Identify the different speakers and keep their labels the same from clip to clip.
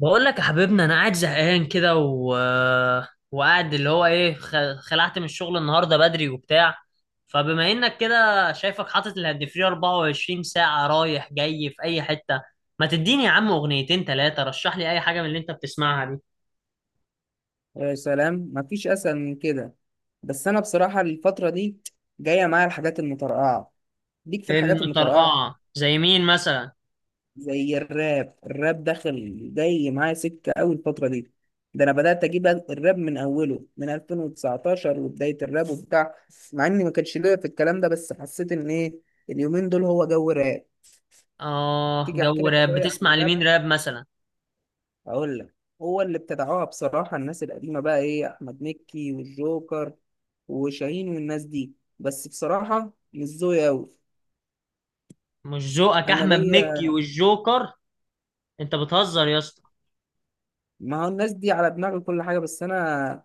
Speaker 1: بقول لك يا حبيبنا، انا قاعد زهقان كده وقاعد اللي هو ايه، خلعت من الشغل النهارده بدري وبتاع. فبما انك كده شايفك حاطط الهاند فري 24 ساعه رايح جاي في اي حته، ما تديني يا عم اغنيتين ثلاثه، رشح لي اي حاجه من اللي انت بتسمعها دي.
Speaker 2: يا سلام مفيش اسهل من كده. بس انا بصراحه الفتره دي جايه معايا الحاجات المترقعه، ليك في الحاجات المترقعه.
Speaker 1: المطرقعه زي مين مثلا؟
Speaker 2: زي الراب داخل جاي معايا سكه قوي الفتره دي. ده انا بدات اجيب الراب من اوله من 2019 وبدايه الراب وبتاع. مع اني ما كانش ليا في الكلام ده، بس حسيت ان ايه، اليومين دول هو جو راب.
Speaker 1: اه،
Speaker 2: تيجي احكي
Speaker 1: جو
Speaker 2: لك
Speaker 1: راب.
Speaker 2: شويه عن
Speaker 1: بتسمع
Speaker 2: الراب؟
Speaker 1: لمين راب مثلا؟
Speaker 2: اقول لك، هو اللي ابتدعوها بصراحه الناس القديمه، بقى ايه، احمد مكي والجوكر وشاهين والناس دي. بس بصراحه مش ذوقي قوي،
Speaker 1: مش ذوقك
Speaker 2: انا
Speaker 1: احمد مكي
Speaker 2: ليا.
Speaker 1: والجوكر؟ انت بتهزر يا اسطى.
Speaker 2: ما هو الناس دي على دماغي كل حاجه، بس انا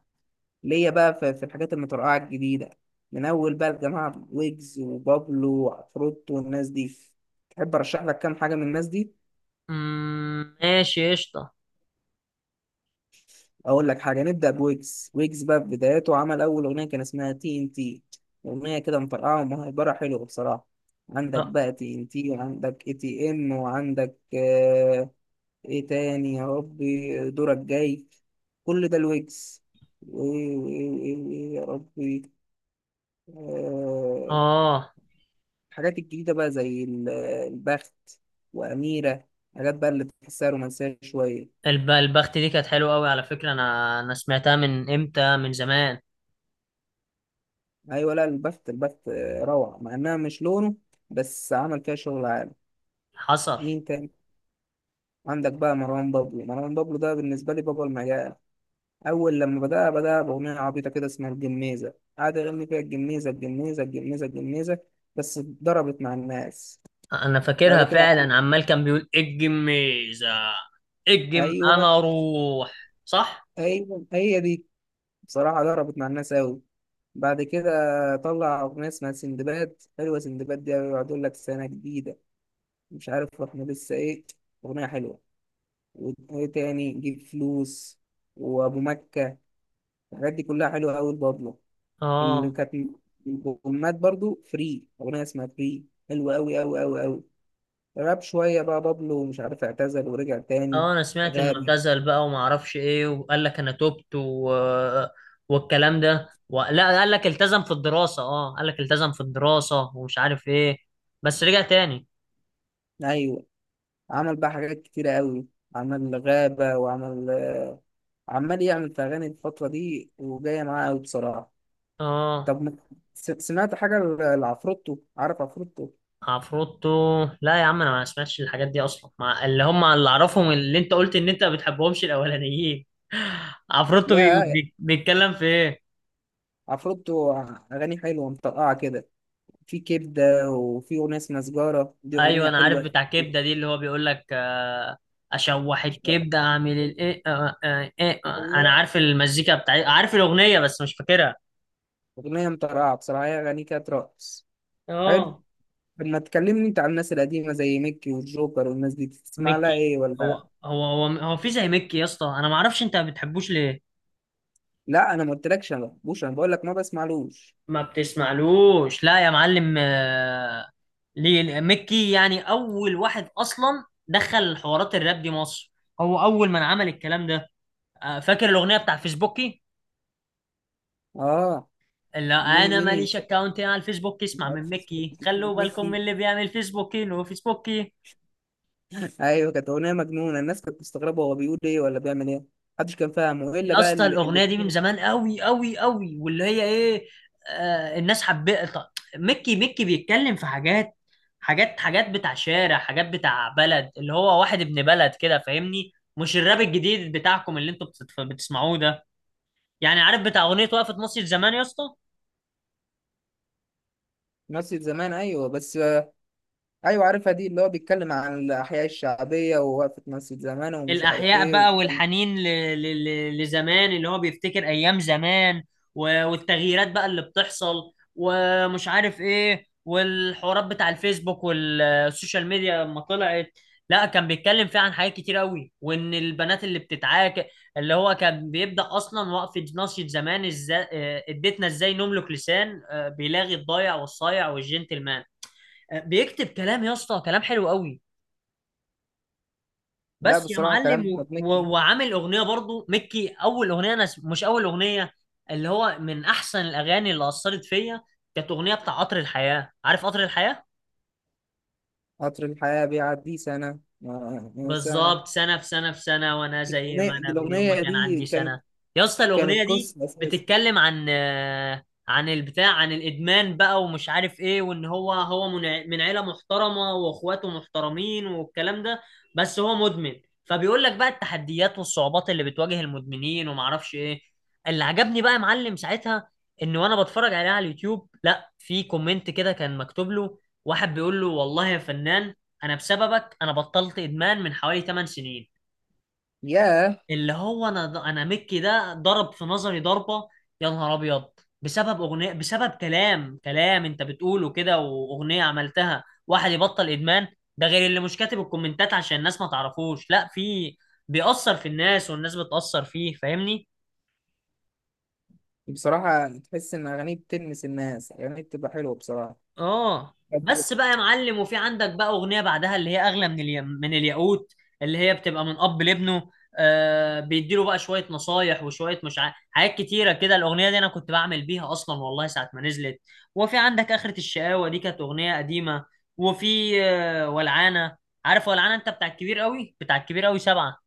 Speaker 2: ليا بقى في الحاجات المترقعه الجديده. من اول بقى الجماعه ويجز وبابلو وعفروت والناس دي. تحب ارشح لك كام حاجه من الناس دي؟
Speaker 1: ماشي قشطه.
Speaker 2: اقول لك حاجه، نبدا بويجز. ويجز بقى في بداياته عمل اول اغنيه كان اسمها تي ان تي. اغنيه كده مفرقعه ومهيبره، حلوه بصراحه. عندك
Speaker 1: اه.
Speaker 2: بقى تي ان تي، وعندك اي تي ام، وعندك آه، ايه تاني يا ربي، دورك جاي. كل ده الويجز. وايه وايه وايه وإيه يا ربي، آه.
Speaker 1: آه.
Speaker 2: الحاجات الجديده بقى زي البخت، واميره. حاجات بقى اللي بتحسها رومانسيه شويه.
Speaker 1: الب- البخت دي كانت حلوة أوي على فكرة، أنا سمعتها من إمتى، من زمان.
Speaker 2: ايوه، لا، البث، البث روعه، مع انها مش لونه، بس عمل فيها شغل عالي.
Speaker 1: حصل.
Speaker 2: مين تاني؟ عندك بقى مروان بابلو. مروان بابلو ده بالنسبه لي بابا المجال. اول لما بدأ باغنيه عبيطه كده اسمها الجميزه، قعد يغني فيها الجميزه الجميزه الجميزه الجميزه، بس ضربت مع الناس.
Speaker 1: أنا
Speaker 2: بعد
Speaker 1: فاكرها
Speaker 2: كده
Speaker 1: فعلا، عمال كان بيقول اجم ميزة. اجم
Speaker 2: ايوه،
Speaker 1: أنا أروح. صح؟
Speaker 2: ايوه، هي دي. بصراحه ضربت مع الناس قوي. بعد كده طلع اغنيه اسمها سندباد، حلوه. سندباد دي يقعد يقول لك سنه جديده، مش عارف احنا لسه ايه، اغنيه حلوه. وايه تاني، جيب فلوس، وابو مكة. الحاجات دي كلها حلوة قوي البابلو. اللي
Speaker 1: آه.
Speaker 2: كانت البومات برضو، فري، اغنية اسمها فري حلوة قوي قوي قوي قوي. غاب شوية بقى بابلو، ومش عارف اعتزل ورجع تاني.
Speaker 1: آه، أنا سمعت إنه
Speaker 2: غاب،
Speaker 1: اعتزل بقى وما أعرفش إيه، وقال لك أنا تبت والكلام ده لا، قال لك التزم في الدراسة، آه قال لك التزم في الدراسة ومش عارف إيه. بس رجع تاني.
Speaker 2: ايوه. عمل بقى حاجات كتيرة قوي. عمل غابة وعمل عمال يعمل في أغاني الفترة دي، وجاية معاه قوي بصراحة.
Speaker 1: آه.
Speaker 2: طب ما- سمعت حاجة لعفروتو؟ عارف عفروتو؟
Speaker 1: عفروتو؟ لا يا عم، انا ما اسمعش الحاجات دي اصلا، مع اللي هم اللي اعرفهم اللي انت قلت ان انت ما بتحبهمش الاولانيين. عفروتو
Speaker 2: يا
Speaker 1: بيتكلم في ايه؟
Speaker 2: عفروتو، أغاني حلوة مطرقعة كده. في كبدة، وفي أغنية اسمها سجارة، دي
Speaker 1: ايوه،
Speaker 2: أغنية
Speaker 1: انا عارف
Speaker 2: حلوة.
Speaker 1: بتاع كبده دي اللي هو بيقول لك اشوح الكبده اعمل الايه، آه، آه، إيه، آه. انا عارف المزيكا بتاعي، عارف الاغنيه بس مش فاكرها.
Speaker 2: أغنية مطرقعة بصراحة، هي أغاني كانت رقص. حلو.
Speaker 1: اه.
Speaker 2: طب ما تكلمني أنت عن الناس القديمة زي ميكي والجوكر والناس دي، بتسمع لها
Speaker 1: ميكي؟
Speaker 2: إيه
Speaker 1: هو
Speaker 2: ولا؟
Speaker 1: هو هو هو في زي ميكي يا اسطى، انا ما اعرفش انت ما بتحبوش ليه.
Speaker 2: لا، أنا ما قلتلكش أنا ما بحبوش، أنا بقول لك ما بسمعلوش.
Speaker 1: ما بتسمعلوش؟ لا يا معلم. آه، ليه مكي يعني اول واحد اصلا دخل حوارات الراب دي مصر، هو اول من عمل الكلام ده. آه، فاكر الاغنيه بتاع فيسبوكي؟
Speaker 2: آه.
Speaker 1: اللي
Speaker 2: مين
Speaker 1: انا
Speaker 2: مين
Speaker 1: ماليش
Speaker 2: ينسى بقى؟
Speaker 1: اكاونت على الفيسبوك،
Speaker 2: أنت
Speaker 1: اسمع من
Speaker 2: عارف اسمه،
Speaker 1: مكي: خلوا بالكم من
Speaker 2: ميكي.
Speaker 1: اللي بيعمل فيسبوكي لو فيسبوكي.
Speaker 2: أيوه، كانت أغنية مجنونة، الناس كانت مستغربة هو بيقول إيه ولا بيعمل إيه. محدش كان فاهمه إلا
Speaker 1: يا
Speaker 2: بقى
Speaker 1: اسطى
Speaker 2: اللي
Speaker 1: الاغنيه دي من زمان قوي قوي قوي، واللي هي ايه، آه الناس حبت. ميكي بيتكلم في حاجات، حاجات بتاع شارع، حاجات بتاع بلد، اللي هو واحد ابن بلد كده فاهمني، مش الراب الجديد بتاعكم اللي انتوا بتسمعوه ده. يعني عارف بتاع اغنيه وقفت مصر زمان يا اسطى.
Speaker 2: مثل زمان، أيوه بس. ايوه عارفها دي، اللي هو بيتكلم عن الاحياء الشعبيه، ووقفه مسجد زمان، ومش عارف
Speaker 1: الأحياء
Speaker 2: ايه
Speaker 1: بقى،
Speaker 2: والكلام ده.
Speaker 1: والحنين لزمان، اللي هو بيفتكر أيام زمان والتغييرات بقى اللي بتحصل، ومش عارف إيه، والحوارات بتاع الفيسبوك والسوشيال ميديا لما طلعت. لا، كان بيتكلم فيها عن حاجات كتير قوي، وإن البنات اللي بتتعاك. اللي هو كان بيبدأ أصلا وقفة ناصية زمان إزاي، آه اديتنا إزاي نملك لسان، آه بيلاغي الضايع والصايع والجنتلمان. آه، بيكتب كلام يا اسطى، كلام حلو قوي.
Speaker 2: لا
Speaker 1: بس يا
Speaker 2: بصراحه، كلام
Speaker 1: معلم
Speaker 2: احمد مكي.
Speaker 1: وعامل اغنيه برضو ميكي، اول اغنيه انا مش اول اغنيه، اللي هو من احسن الاغاني اللي اثرت فيا، كانت اغنيه بتاع قطر الحياه. عارف قطر الحياه؟
Speaker 2: قطر الحياه بيعدي سنه، سنه.
Speaker 1: بالظبط، سنة في سنة في سنة وأنا زي ما
Speaker 2: الاغنيه
Speaker 1: أنا من يوم ما
Speaker 2: الأغنية
Speaker 1: كان
Speaker 2: دي
Speaker 1: عندي
Speaker 2: كانت،
Speaker 1: سنة. يا اسطى الأغنية
Speaker 2: كانت
Speaker 1: دي
Speaker 2: قصه اساسا.
Speaker 1: بتتكلم عن، عن البتاع، عن الإدمان بقى ومش عارف إيه، وإن هو من عيلة محترمة وإخواته محترمين والكلام ده، بس هو مدمن. فبيقول لك بقى التحديات والصعوبات اللي بتواجه المدمنين ومعرفش إيه. اللي عجبني بقى يا معلم ساعتها، إن وأنا بتفرج عليها على اليوتيوب، لا في كومنت كده كان مكتوب له، واحد بيقول له والله يا فنان، انا بسببك انا بطلت ادمان من حوالي 8 سنين.
Speaker 2: ياه.
Speaker 1: اللي هو انا مكي ده ضرب في نظري ضربة. يا نهار ابيض، بسبب اغنية، بسبب كلام، كلام انت بتقوله كده واغنية عملتها، واحد يبطل ادمان. ده غير اللي مش كاتب الكومنتات عشان الناس ما تعرفوش، لا في بيأثر في الناس والناس بتأثر فيه، فاهمني.
Speaker 2: بصراحه تحس ان اغانيه بتلمس الناس، اغانيه بتبقى حلوه بصراحه.
Speaker 1: اه. بس بقى يا معلم، وفي عندك بقى اغنيه بعدها اللي هي اغلى من اليم من الياقوت، اللي هي بتبقى من اب لابنه. آه بيديله بقى شويه نصايح وشويه مش عارف، حاجات كتيره كده. الاغنيه دي انا كنت بعمل بيها اصلا والله ساعه ما نزلت. وفي عندك اخره الشقاوه، دي كانت اغنيه قديمه. وفي آه ولعانه. عارف ولعانه؟ انت بتاع الكبير قوي، بتاع الكبير قوي سبعه.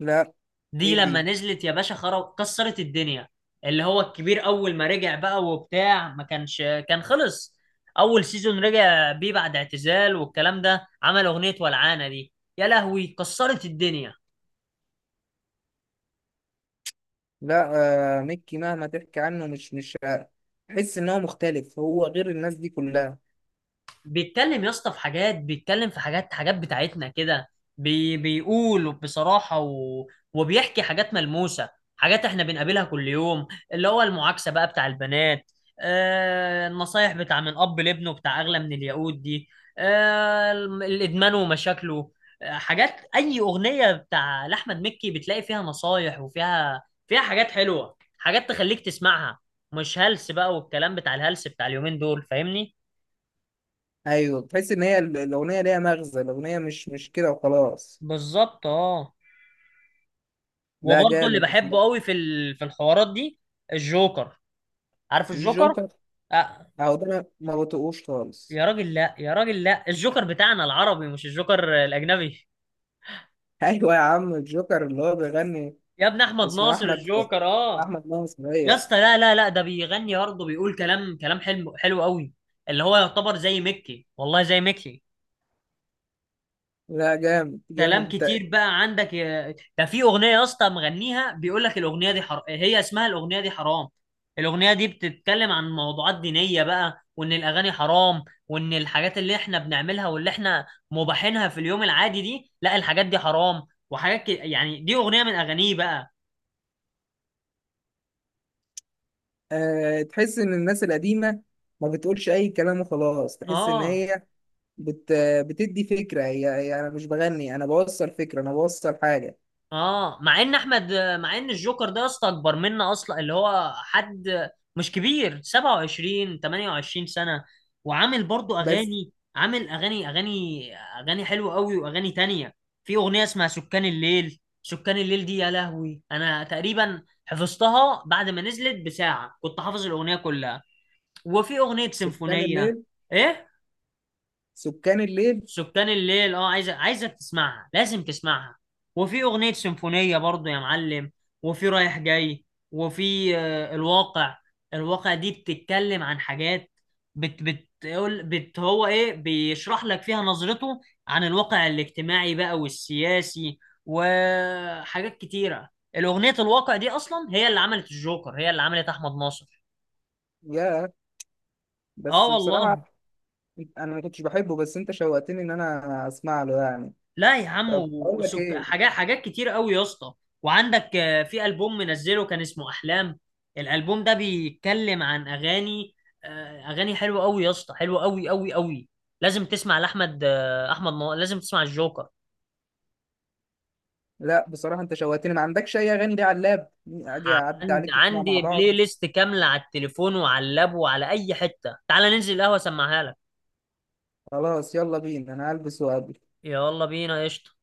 Speaker 2: لا.
Speaker 1: دي
Speaker 2: ايه
Speaker 1: لما
Speaker 2: دي؟
Speaker 1: نزلت يا باشا، خرب، كسرت الدنيا. اللي هو الكبير اول ما رجع بقى وبتاع، ما كانش كان خلص، اول سيزون رجع بيه بعد اعتزال والكلام ده، عمل اغنية ولعانة دي. يا لهوي، كسرت الدنيا.
Speaker 2: لا، آه، مكي مهما تحكي عنه مش، تحس ان هو مختلف، هو غير الناس دي كلها.
Speaker 1: بيتكلم يا اسطى في حاجات، بيتكلم في حاجات، حاجات بتاعتنا كده. بيقول بصراحة، وبيحكي حاجات ملموسة، حاجات احنا بنقابلها كل يوم، اللي هو المعاكسة بقى بتاع البنات، آه النصايح بتاع من أب لابنه بتاع أغلى من الياقوت دي، آه الإدمان ومشاكله. آه حاجات، أي أغنية بتاع لأحمد مكي بتلاقي فيها نصايح، وفيها فيها حاجات حلوة، حاجات تخليك تسمعها، مش هلس بقى والكلام بتاع الهلس بتاع اليومين دول، فاهمني.
Speaker 2: ايوه، تحس ان هي الاغنيه ليها مغزى، الاغنيه مش كده وخلاص.
Speaker 1: بالظبط اه.
Speaker 2: لا
Speaker 1: وبرضه اللي
Speaker 2: جامد
Speaker 1: بحبه
Speaker 2: بصراحه.
Speaker 1: قوي في الحوارات دي، الجوكر. عارف الجوكر؟
Speaker 2: الجوكر؟
Speaker 1: آه.
Speaker 2: اهو ده أنا ما بطيقوش خالص.
Speaker 1: يا راجل لا، يا راجل لا، الجوكر بتاعنا العربي مش الجوكر الاجنبي،
Speaker 2: ايوه يا عم الجوكر اللي هو بيغني.
Speaker 1: يا ابن احمد
Speaker 2: اسمه
Speaker 1: ناصر
Speaker 2: احمد
Speaker 1: الجوكر. اه.
Speaker 2: احمد ناصر،
Speaker 1: يا
Speaker 2: ايوه.
Speaker 1: اسطى لا لا لا، ده بيغني برضه، بيقول كلام كلام حلو حلو قوي. اللي هو يعتبر زي ميكي، والله زي ميكي.
Speaker 2: لا، جامد جامد
Speaker 1: كلام
Speaker 2: انت.
Speaker 1: كتير بقى عندك ده في اغنيه يا اسطى مغنيها بيقول لك الاغنيه دي حرام، هي اسمها الاغنيه دي حرام. الاغنيه دي بتتكلم عن موضوعات دينيه بقى، وان الاغاني حرام، وان الحاجات اللي احنا بنعملها واللي احنا مباحينها في اليوم العادي دي، لا الحاجات دي حرام، وحاجات يعني دي اغنيه من اغانيه بقى.
Speaker 2: أه، تحس ان الناس القديمه ما بتقولش اي كلام وخلاص، تحس ان
Speaker 1: اه
Speaker 2: هي بت بتدي فكره. هي انا مش بغني، انا بوصل فكره، انا بوصل حاجه.
Speaker 1: اه، مع ان الجوكر ده يا اسطى اكبر منا اصلا، اللي هو حد مش كبير، 27 28 سنه، وعامل برضو
Speaker 2: بس.
Speaker 1: اغاني، عامل اغاني اغاني حلوه قوي واغاني تانية. في اغنيه اسمها سكان الليل. سكان الليل دي يا لهوي، انا تقريبا حفظتها بعد ما نزلت بساعه، كنت حافظ الاغنيه كلها. وفي اغنيه
Speaker 2: سكان
Speaker 1: سيمفونيه.
Speaker 2: الليل،
Speaker 1: ايه؟
Speaker 2: سكان الليل؟
Speaker 1: سكان الليل؟ اه، عايزه تسمعها، لازم تسمعها. وفي اغنيه سيمفونيه برضو يا معلم، وفي رايح جاي، وفي آه الواقع. الواقع دي بتتكلم عن حاجات، بت بتقول بت هو ايه، بيشرح لك فيها نظرته عن الواقع الاجتماعي بقى والسياسي، وحاجات كتيره. الاغنيه الواقع دي اصلا هي اللي عملت الجوكر، هي اللي عملت احمد ناصر.
Speaker 2: يا،
Speaker 1: اه
Speaker 2: بس
Speaker 1: والله.
Speaker 2: بصراحه انا ما كنتش بحبه، بس انت شوقتني ان انا اسمع له يعني.
Speaker 1: لا يا عم،
Speaker 2: طب اقول لك ايه،
Speaker 1: حاجات كتير قوي يا اسطى. وعندك آه، في ألبوم منزله كان اسمه أحلام، الألبوم ده بيتكلم عن أغاني، آه أغاني حلوة قوي يا اسطى، حلوة قوي قوي قوي. لازم تسمع لأحمد، لازم تسمع الجوكر.
Speaker 2: لا بصراحه انت شوقتني، ما عندكش اي اغاني دي على اللاب؟ اجي اعدي عليك نسمع مع
Speaker 1: عندي بلاي
Speaker 2: بعض.
Speaker 1: ليست كاملة على التليفون وعلى اللاب وعلى أي حتة، تعال ننزل القهوة أسمعها لك.
Speaker 2: خلاص، يلا بينا، انا هلبس وأقابلك.
Speaker 1: يلا بينا قشطة.